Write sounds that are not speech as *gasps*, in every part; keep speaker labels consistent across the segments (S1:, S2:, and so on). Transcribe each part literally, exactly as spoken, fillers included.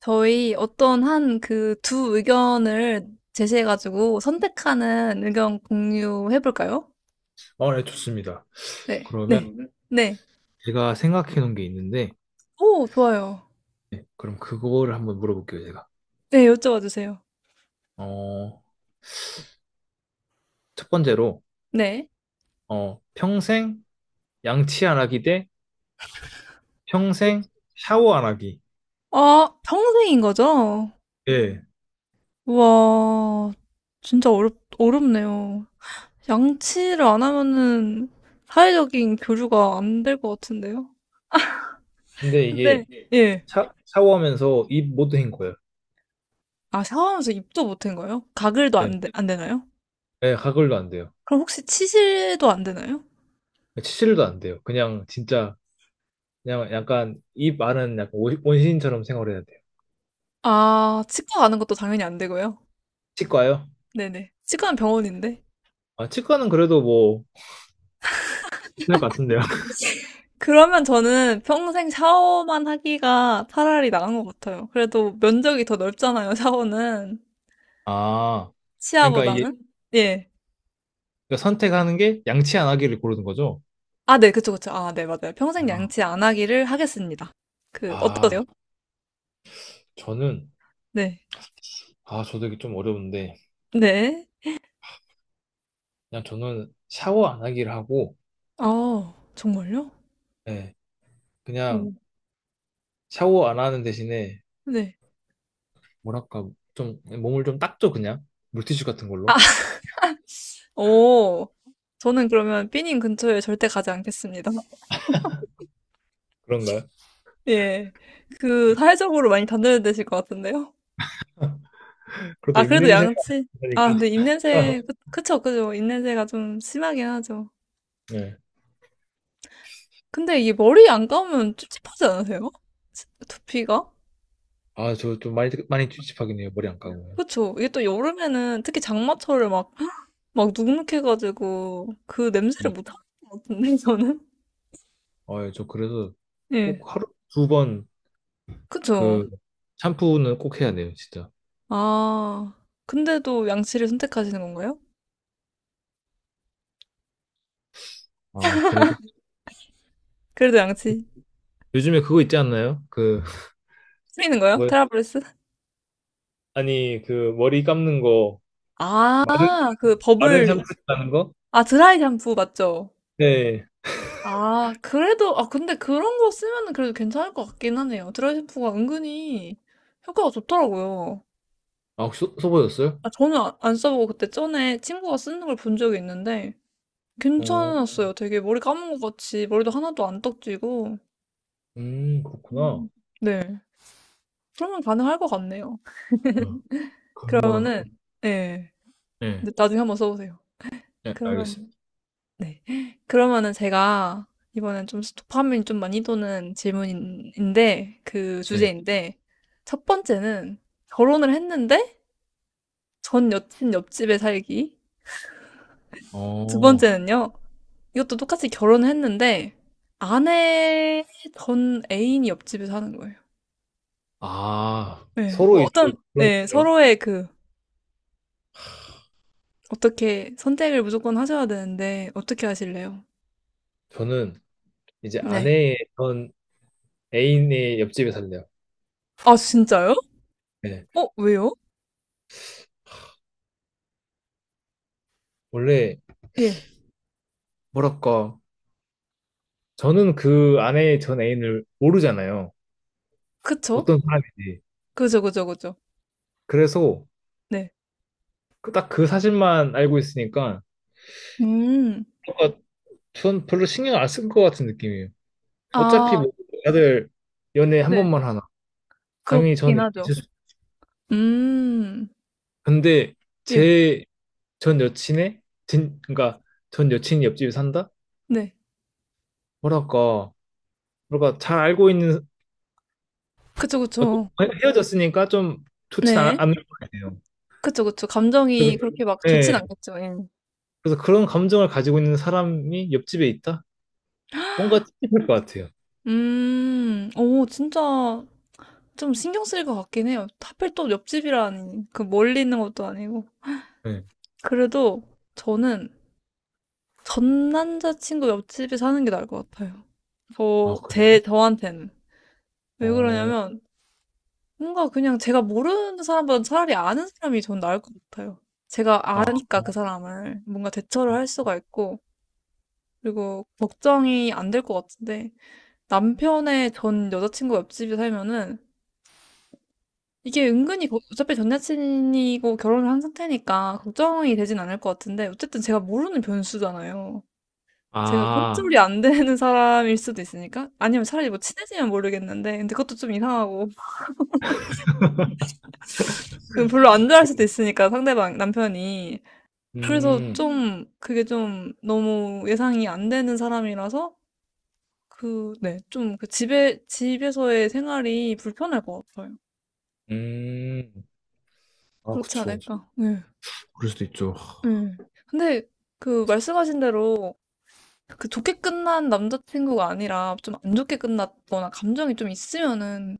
S1: 저희 어떤 한 그 두 의견을 제시해가지고 선택하는 의견 공유해볼까요?
S2: 어, 네, 좋습니다.
S1: 네.
S2: 그러면
S1: 네. 네.
S2: 제가 생각해 놓은 게 있는데,
S1: 오, 좋아요.
S2: 네, 그럼 그거를 한번 물어볼게요, 제가.
S1: 네, 여쭤봐 주세요.
S2: 어, 첫 번째로,
S1: 네.
S2: 어, 평생 양치 안 하기 대 평생 샤워 안 하기.
S1: 아, 평생인 거죠?
S2: 예.
S1: 우와, 진짜 어렵, 어렵네요. 양치를 안 하면은 사회적인 교류가 안 될 것 같은데요?
S2: 근데
S1: 근데,
S2: 이게
S1: 예.
S2: 샤, 샤워하면서 입 못 헹궈요.
S1: 아, 샤워하면서 입도 못 한 거예요? 가글도
S2: 예.
S1: 안, 되, 안 되나요?
S2: 예, 가글도 안 돼요.
S1: 그럼 혹시 치실도 안 되나요?
S2: 치질도 안 돼요. 그냥 진짜, 그냥 약간 입 안은 약간 원- 원시인처럼 생활해야 돼요.
S1: 아, 치과 가는 것도 당연히 안 되고요.
S2: 치과요?
S1: 네네. 치과는 병원인데.
S2: 아, 치과는 그래도 뭐, 괜찮을 것 같은데요. *laughs*
S1: 그러면 저는 평생 샤워만 하기가 차라리 나은 것 같아요. 그래도 면적이 더 넓잖아요, 샤워는.
S2: 아, 그러니까 이게
S1: 치아보다는. 음. 예.
S2: 그러니까 선택하는 게 양치 안 하기를 고르는 거죠.
S1: 아, 네, 그쵸, 그쵸. 아, 네, 맞아요.
S2: 아,
S1: 평생 양치 안 하기를 하겠습니다. 그,
S2: 아,
S1: 어떠세요?
S2: 저는,
S1: 네.
S2: 아, 저도 이게 좀 어려운데,
S1: 네.
S2: 그냥 저는 샤워 안 하기를 하고,
S1: 아, 정말요?
S2: 예, 그냥
S1: 오,
S2: 샤워 안 하는 대신에,
S1: 네.
S2: 뭐랄까, 좀, 몸을 좀 닦죠, 그냥. 물티슈 같은
S1: 아,
S2: 걸로.
S1: *laughs* 오. 저는 그러면 삐님 근처에 절대 가지 않겠습니다.
S2: 그런가요?
S1: 예. 그, 사회적으로 많이 단절되실 것 같은데요?
S2: 그래도
S1: 아, 그래도
S2: 입냄새가
S1: 양치. 아, 근데
S2: 나니까.
S1: 입냄새, 그,
S2: *laughs*
S1: 그쵸, 그죠. 입냄새가 좀 심하긴 하죠.
S2: 네.
S1: 근데 이게 머리 안 감으면 찝찝하지 않으세요? 치- 두피가?
S2: 아, 저 좀 많이, 많이 찝찝하긴 해요, 머리 안 감으면.
S1: 그쵸. 이게 또 여름에는 특히 장마철에 막, 막 눅눅해가지고 그 냄새를
S2: 음.
S1: 못 하는 것 같은데, 저는?
S2: 아, 예, 저 그래서
S1: 예.
S2: 꼭 하루 두 번
S1: 그쵸.
S2: 그, 샴푸는 꼭 해야 돼요, 진짜.
S1: 아, 근데도 양치를 선택하시는 건가요?
S2: 아, 그래도.
S1: 그래도 양치.
S2: 요즘에 그거 있지 않나요? 그,
S1: 쓰이는 거예요? 테라브레스?
S2: 아니, 그 머리 감는 거
S1: 아,
S2: 마른
S1: 그
S2: 마른
S1: 버블,
S2: 샴푸 감는 하는 거?
S1: 아, 드라이 샴푸 맞죠?
S2: 네.
S1: 아, 그래도, 아, 근데 그런 거 쓰면은 그래도 괜찮을 것 같긴 하네요. 드라이샴푸가 은근히 효과가 좋더라고요.
S2: 아, 혹시 써- 써보셨어요?
S1: 아, 저는 아- 안 써보고 그때 전에 친구가 쓰는 걸 본 적이 있는데
S2: 어,
S1: 괜찮았어요. 되게 머리 감은 것 같이 머리도 하나도 안 떡지고.
S2: 음, 그렇구나.
S1: 음. 네. 그러면 가능할 것 같네요.
S2: 네, 금방.
S1: 그러면은, 네.
S2: 네,
S1: 근데 나중에 한번 써보세요.
S2: 네,
S1: 그러면
S2: 알겠습니다.
S1: 네. 그러면은 제가 이번엔 좀 도파민 좀 많이 도는 질문인데, 그
S2: 네.
S1: 주제인데, 첫 번째는 결혼을 했는데 전 여친 옆집에 살기. 두
S2: 어,
S1: 번째는요, 이것도 똑같이 결혼을 했는데 아내 전 애인이 옆집에 사는 거예요.
S2: 아,
S1: 네.
S2: 서로
S1: 뭐
S2: 이제
S1: 어떤,
S2: 그런
S1: 네.
S2: 거예요.
S1: 서로의 그, 어떻게 선택을 무조건 하셔야 되는데, 어떻게 하실래요?
S2: 저는 이제
S1: 네.
S2: 아내의 전 애인의 옆집에 살래요.
S1: 아, 진짜요?
S2: 네.
S1: 어, 왜요?
S2: 원래
S1: 예.
S2: 뭐랄까, 저는 그 아내의 전 애인을 모르잖아요.
S1: 그쵸?
S2: 어떤 사람인지.
S1: 그죠, 그죠, 그죠.
S2: 그래서
S1: 네.
S2: 그 딱그 사실만 알고 있으니까
S1: 음. 네.
S2: 전 별로 신경 안 쓴 것 같은 느낌이에요. 어차피
S1: 아
S2: 뭐 다들 연애 한
S1: 네. 네.
S2: 번만 하나. 당연히 전
S1: 그렇긴
S2: 애기
S1: 하죠.
S2: 있을 수.
S1: 음.
S2: 근데
S1: 예.
S2: 제 전 여친의 진 그러니까 전 여친이 옆집에 산다?
S1: 네.
S2: 뭐랄까 뭐랄까 잘 알고 있는
S1: 그쵸,
S2: 어떤-
S1: 그쵸.
S2: 헤어졌으니까 좀 좋진 않,
S1: 네.
S2: 않을 것 같아요.
S1: 그쵸, 그쵸. 감정이
S2: 그래서,
S1: 그렇게 막 좋진
S2: 네.
S1: 않겠죠. 예.
S2: 그래서 그런 감정을 가지고 있는 사람이 옆집에 있다? 뭔가 찝찝할 것 같아요.
S1: 음. 오 진짜 좀 신경 쓰일 것 같긴 해요. 하필 또 옆집이라니. 그 멀리 있는 것도 아니고.
S2: 네.
S1: 그래도 저는 전 남자친구 옆집에 사는 게 나을 것 같아요.
S2: 아
S1: 저 제
S2: 그래요?
S1: 저한테는. 왜
S2: 어.
S1: 그러냐면 뭔가 그냥 제가 모르는 사람보다 차라리 아는 사람이 전 나을 것 같아요. 제가
S2: 아.
S1: 아니까 그 사람을 뭔가 대처를 할 수가 있고, 그리고 걱정이 안 될 것 같은데, 남편의 전 여자친구 옆집에 살면은 이게 은근히 거- 어차피 전 여친이고 결혼을 한 상태니까 걱정이 되진 않을 것 같은데, 어쨌든 제가 모르는 변수잖아요. 제가
S2: 아.
S1: 손절이 안 되는 사람일 수도 있으니까? 아니면 차라리 뭐 친해지면 모르겠는데, 근데 그것도 좀 이상하고, *laughs* 별로 안 좋아할 수도 있으니까 상대방, 남편이. 그래서
S2: 음.
S1: 좀 그게 좀 너무 예상이 안 되는 사람이라서 그, 네, 좀그 집에, 집에서의 생활이 불편할 것 같아요.
S2: 음. 아,
S1: 그렇지 그렇죠.
S2: 그쵸.
S1: 않을까. 네,
S2: 그럴 수도 있죠.
S1: 네. 근데 그 말씀하신 대로 그 좋게 끝난 남자친구가 아니라 좀 안 좋게 끝났거나 감정이 좀 있으면은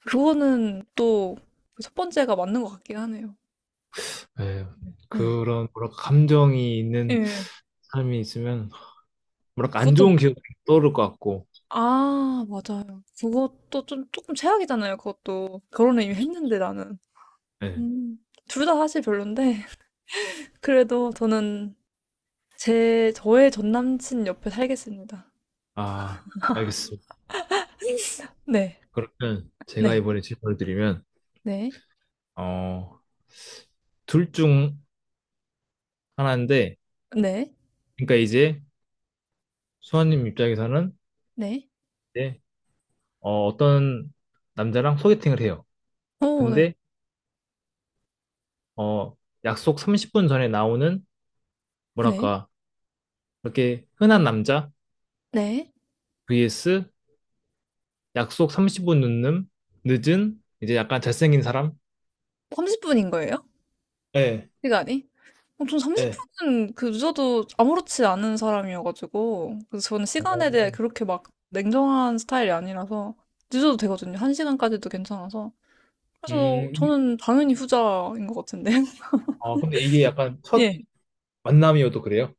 S1: 그거는 또 그 첫 번째가 맞는 것 같긴 하네요.
S2: 예,
S1: 네.
S2: 그런 뭐랄까 감정이 있는
S1: 예.
S2: 삶이 있으면 뭐랄까 안 좋은
S1: 그것도,
S2: 기억이 떠오를 것 같고.
S1: 아, 맞아요. 그것도 좀, 조금 최악이잖아요. 그것도. 결혼을 이미 했는데 나는.
S2: 예,
S1: 음. 둘 다 사실 별론데 *laughs* 그래도 저는 제 저의 전 남친 옆에 살겠습니다.
S2: 아 알겠습니다.
S1: 네.
S2: 그러면 제가
S1: 네.
S2: 이번에 질문을 드리면
S1: 네.
S2: 어, 둘 중 하나인데
S1: 네.
S2: 그러니까 이제 수아님 입장에서는
S1: 네.
S2: 이제 어, 어떤 남자랑 소개팅을 해요.
S1: 어 네.
S2: 근데 어, 약속 삼십 분 전에 나오는
S1: 네.
S2: 뭐랄까 그렇게 흔한 남자
S1: 네.
S2: vs 약속 삼십 분 늦는, 늦은, 이제 약간 잘생긴 사람?
S1: 삼십 분인 거예요?
S2: 예,
S1: 시간이? 어 전 삼십
S2: 예.
S1: 분은 그 늦어도 아무렇지 않은 사람이어 가지고 그래서 저는 시간에 대해
S2: 오.
S1: 그렇게 막 냉정한 스타일이 아니라서 늦어도 되거든요. 한 시간까지도 괜찮아서. 그래서
S2: 음,
S1: 저는 당연히 후자인 것 같은데 *laughs*
S2: 아, 근데 이게 약간 첫
S1: 예.
S2: 만남이어도 그래요?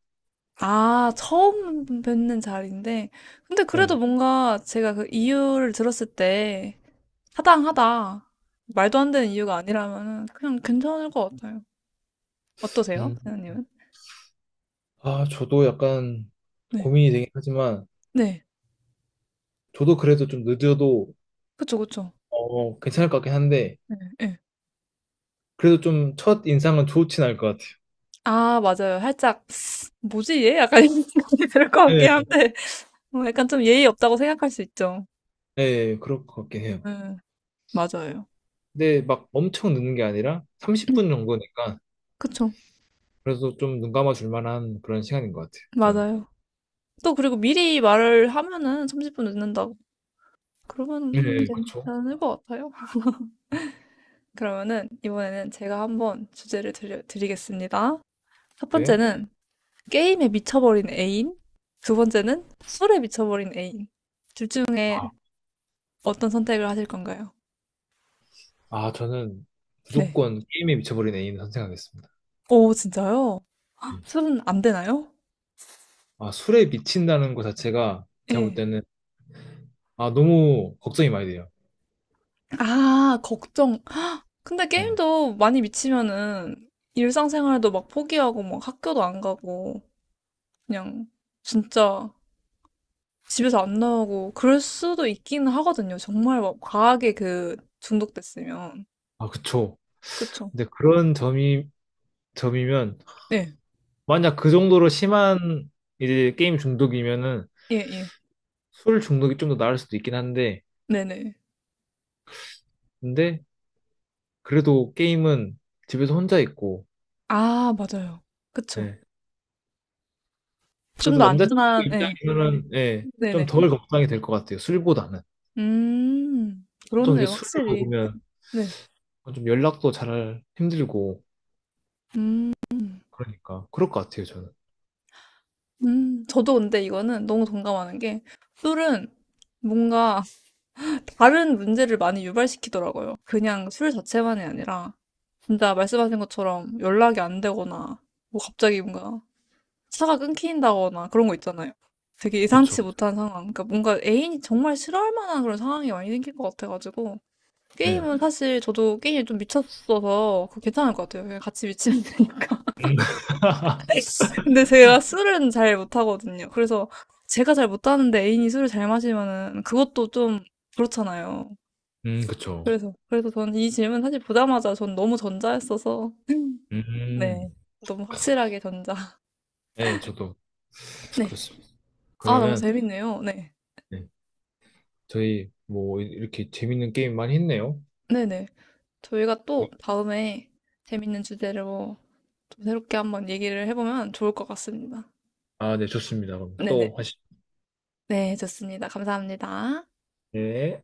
S1: 아, 처음 뵙는 자리인데. 근데 그래도
S2: 예.
S1: 뭔가 제가 그 이유를 들었을 때 타당하다. 말도 안 되는 이유가 아니라면은 그냥 괜찮을 것 같아요. 어떠세요?
S2: 음,
S1: 선생님은?
S2: 아, 저도 약간
S1: 네.
S2: 고민이 되긴 하지만,
S1: 네.
S2: 저도 그래도 좀 늦어도,
S1: 그쵸, 그쵸.
S2: 어, 괜찮을 것 같긴 한데,
S1: 네, 네.
S2: 그래도 좀 첫 인상은 좋진 않을 것 같아요.
S1: 아, 맞아요. 살짝, 뭐지, 얘? 약간 이런 *laughs* 생각이 들 것
S2: 예,
S1: 같긴 한데, 뭐 약간 좀 예의 없다고 생각할 수 있죠.
S2: 예, 그럴 것 같긴 해요.
S1: 네, 맞아요.
S2: 근데 막 엄청 늦는 게 아니라 삼십 분
S1: *clears throat*
S2: 정도니까,
S1: 그쵸.
S2: 그래서 좀 눈 감아 줄 만한 그런 시간인 것 같아요, 저는.
S1: 맞아요. 또 그리고 미리 말을 하면은 삼십 분 늦는다고. 그러면
S2: 예, 그렇죠.
S1: 괜찮을 것 같아요. 그러면은 이번에는 제가 한번 주제를 드려, 드리겠습니다. 첫
S2: 예.
S1: 번째는 게임에 미쳐버린 애인, 두 번째는 술에 미쳐버린 애인. 둘 중에 어떤 선택을 하실 건가요?
S2: 아, 저는
S1: 네.
S2: 무조건 게임에 미쳐버린 애인 선택하겠습니다.
S1: 오, 진짜요? *gasps* 헉,
S2: 네.
S1: 술은 안 되나요?
S2: 아, 술에 미친다는 것 자체가 제가 볼
S1: 예.
S2: 때는 아, 너무 걱정이 많이 돼요.
S1: 아, 걱정. 근데
S2: 네.
S1: 게임도 많이 미치면은 일상생활도 막 포기하고 막 학교도 안 가고 그냥 진짜 집에서 안 나오고 그럴 수도 있기는 하거든요. 정말 막 과하게 그 중독됐으면.
S2: 아, 그쵸.
S1: 그쵸?
S2: 근데 그런 점이, 점이면,
S1: 네.
S2: 만약 그 정도로 심한 이제 게임 중독이면은
S1: 예, 예.
S2: 술 중독이 좀 더 나을 수도 있긴 한데,
S1: 네네.
S2: 근데 그래도 게임은 집에서 혼자 있고,
S1: 아, 맞아요. 그쵸.
S2: 예.
S1: 좀
S2: 그래도
S1: 더
S2: 남자친구
S1: 안전한, 네.
S2: 입장에서는, 예, 좀
S1: 네네.
S2: 덜 걱정이 될 것 같아요. 술보다는.
S1: 음,
S2: 보통 이렇게
S1: 그렇네요.
S2: 술을
S1: 확실히.
S2: 먹으면
S1: 네.
S2: 좀 연락도 잘 힘들고,
S1: 음,
S2: 그러니까 그럴 것 같아요, 저는.
S1: 음. 저도 근데 이거는 너무 동감하는 게 술은 뭔가 다른 문제를 많이 유발시키더라고요. 그냥 술 자체만이 아니라 진짜 말씀하신 것처럼 연락이 안 되거나 뭐 갑자기 뭔가 차가 끊긴다거나 그런 거 있잖아요. 되게 예상치
S2: 그쵸?
S1: 못한 상황. 그러니까 뭔가 애인이 정말 싫어할 만한 그런 상황이 많이 생길 것 같아가지고.
S2: 네.
S1: 게임은 사실 저도 게임에 좀 미쳤어서 그거 괜찮을 것 같아요. 그냥 같이 미치면 되니까.
S2: 음. *laughs*
S1: *laughs* 근데 제가 술은 잘 못하거든요. 그래서 제가 잘 못하는데 애인이 술을 잘 마시면은 그것도 좀 그렇잖아요.
S2: 음, 그쵸.
S1: 그래서, 그래서 저는 이 질문 사실 보자마자 전 너무 전자했어서.
S2: 음,
S1: 네. 너무 확실하게 전자.
S2: 네, 저도
S1: *laughs* 네.
S2: 그렇습니다.
S1: 아, 너무
S2: 그러면
S1: 재밌네요. 네.
S2: 네, 저희 뭐 이렇게 재밌는 게임 많이 했네요.
S1: 네네. 저희가 또
S2: 네.
S1: 다음에 재밌는 주제로 좀 새롭게 한번 얘기를 해보면 좋을 것 같습니다.
S2: 아, 네, 좋습니다. 그럼
S1: 네네.
S2: 또 하시죠.
S1: 네, 좋습니다. 감사합니다.
S2: 네.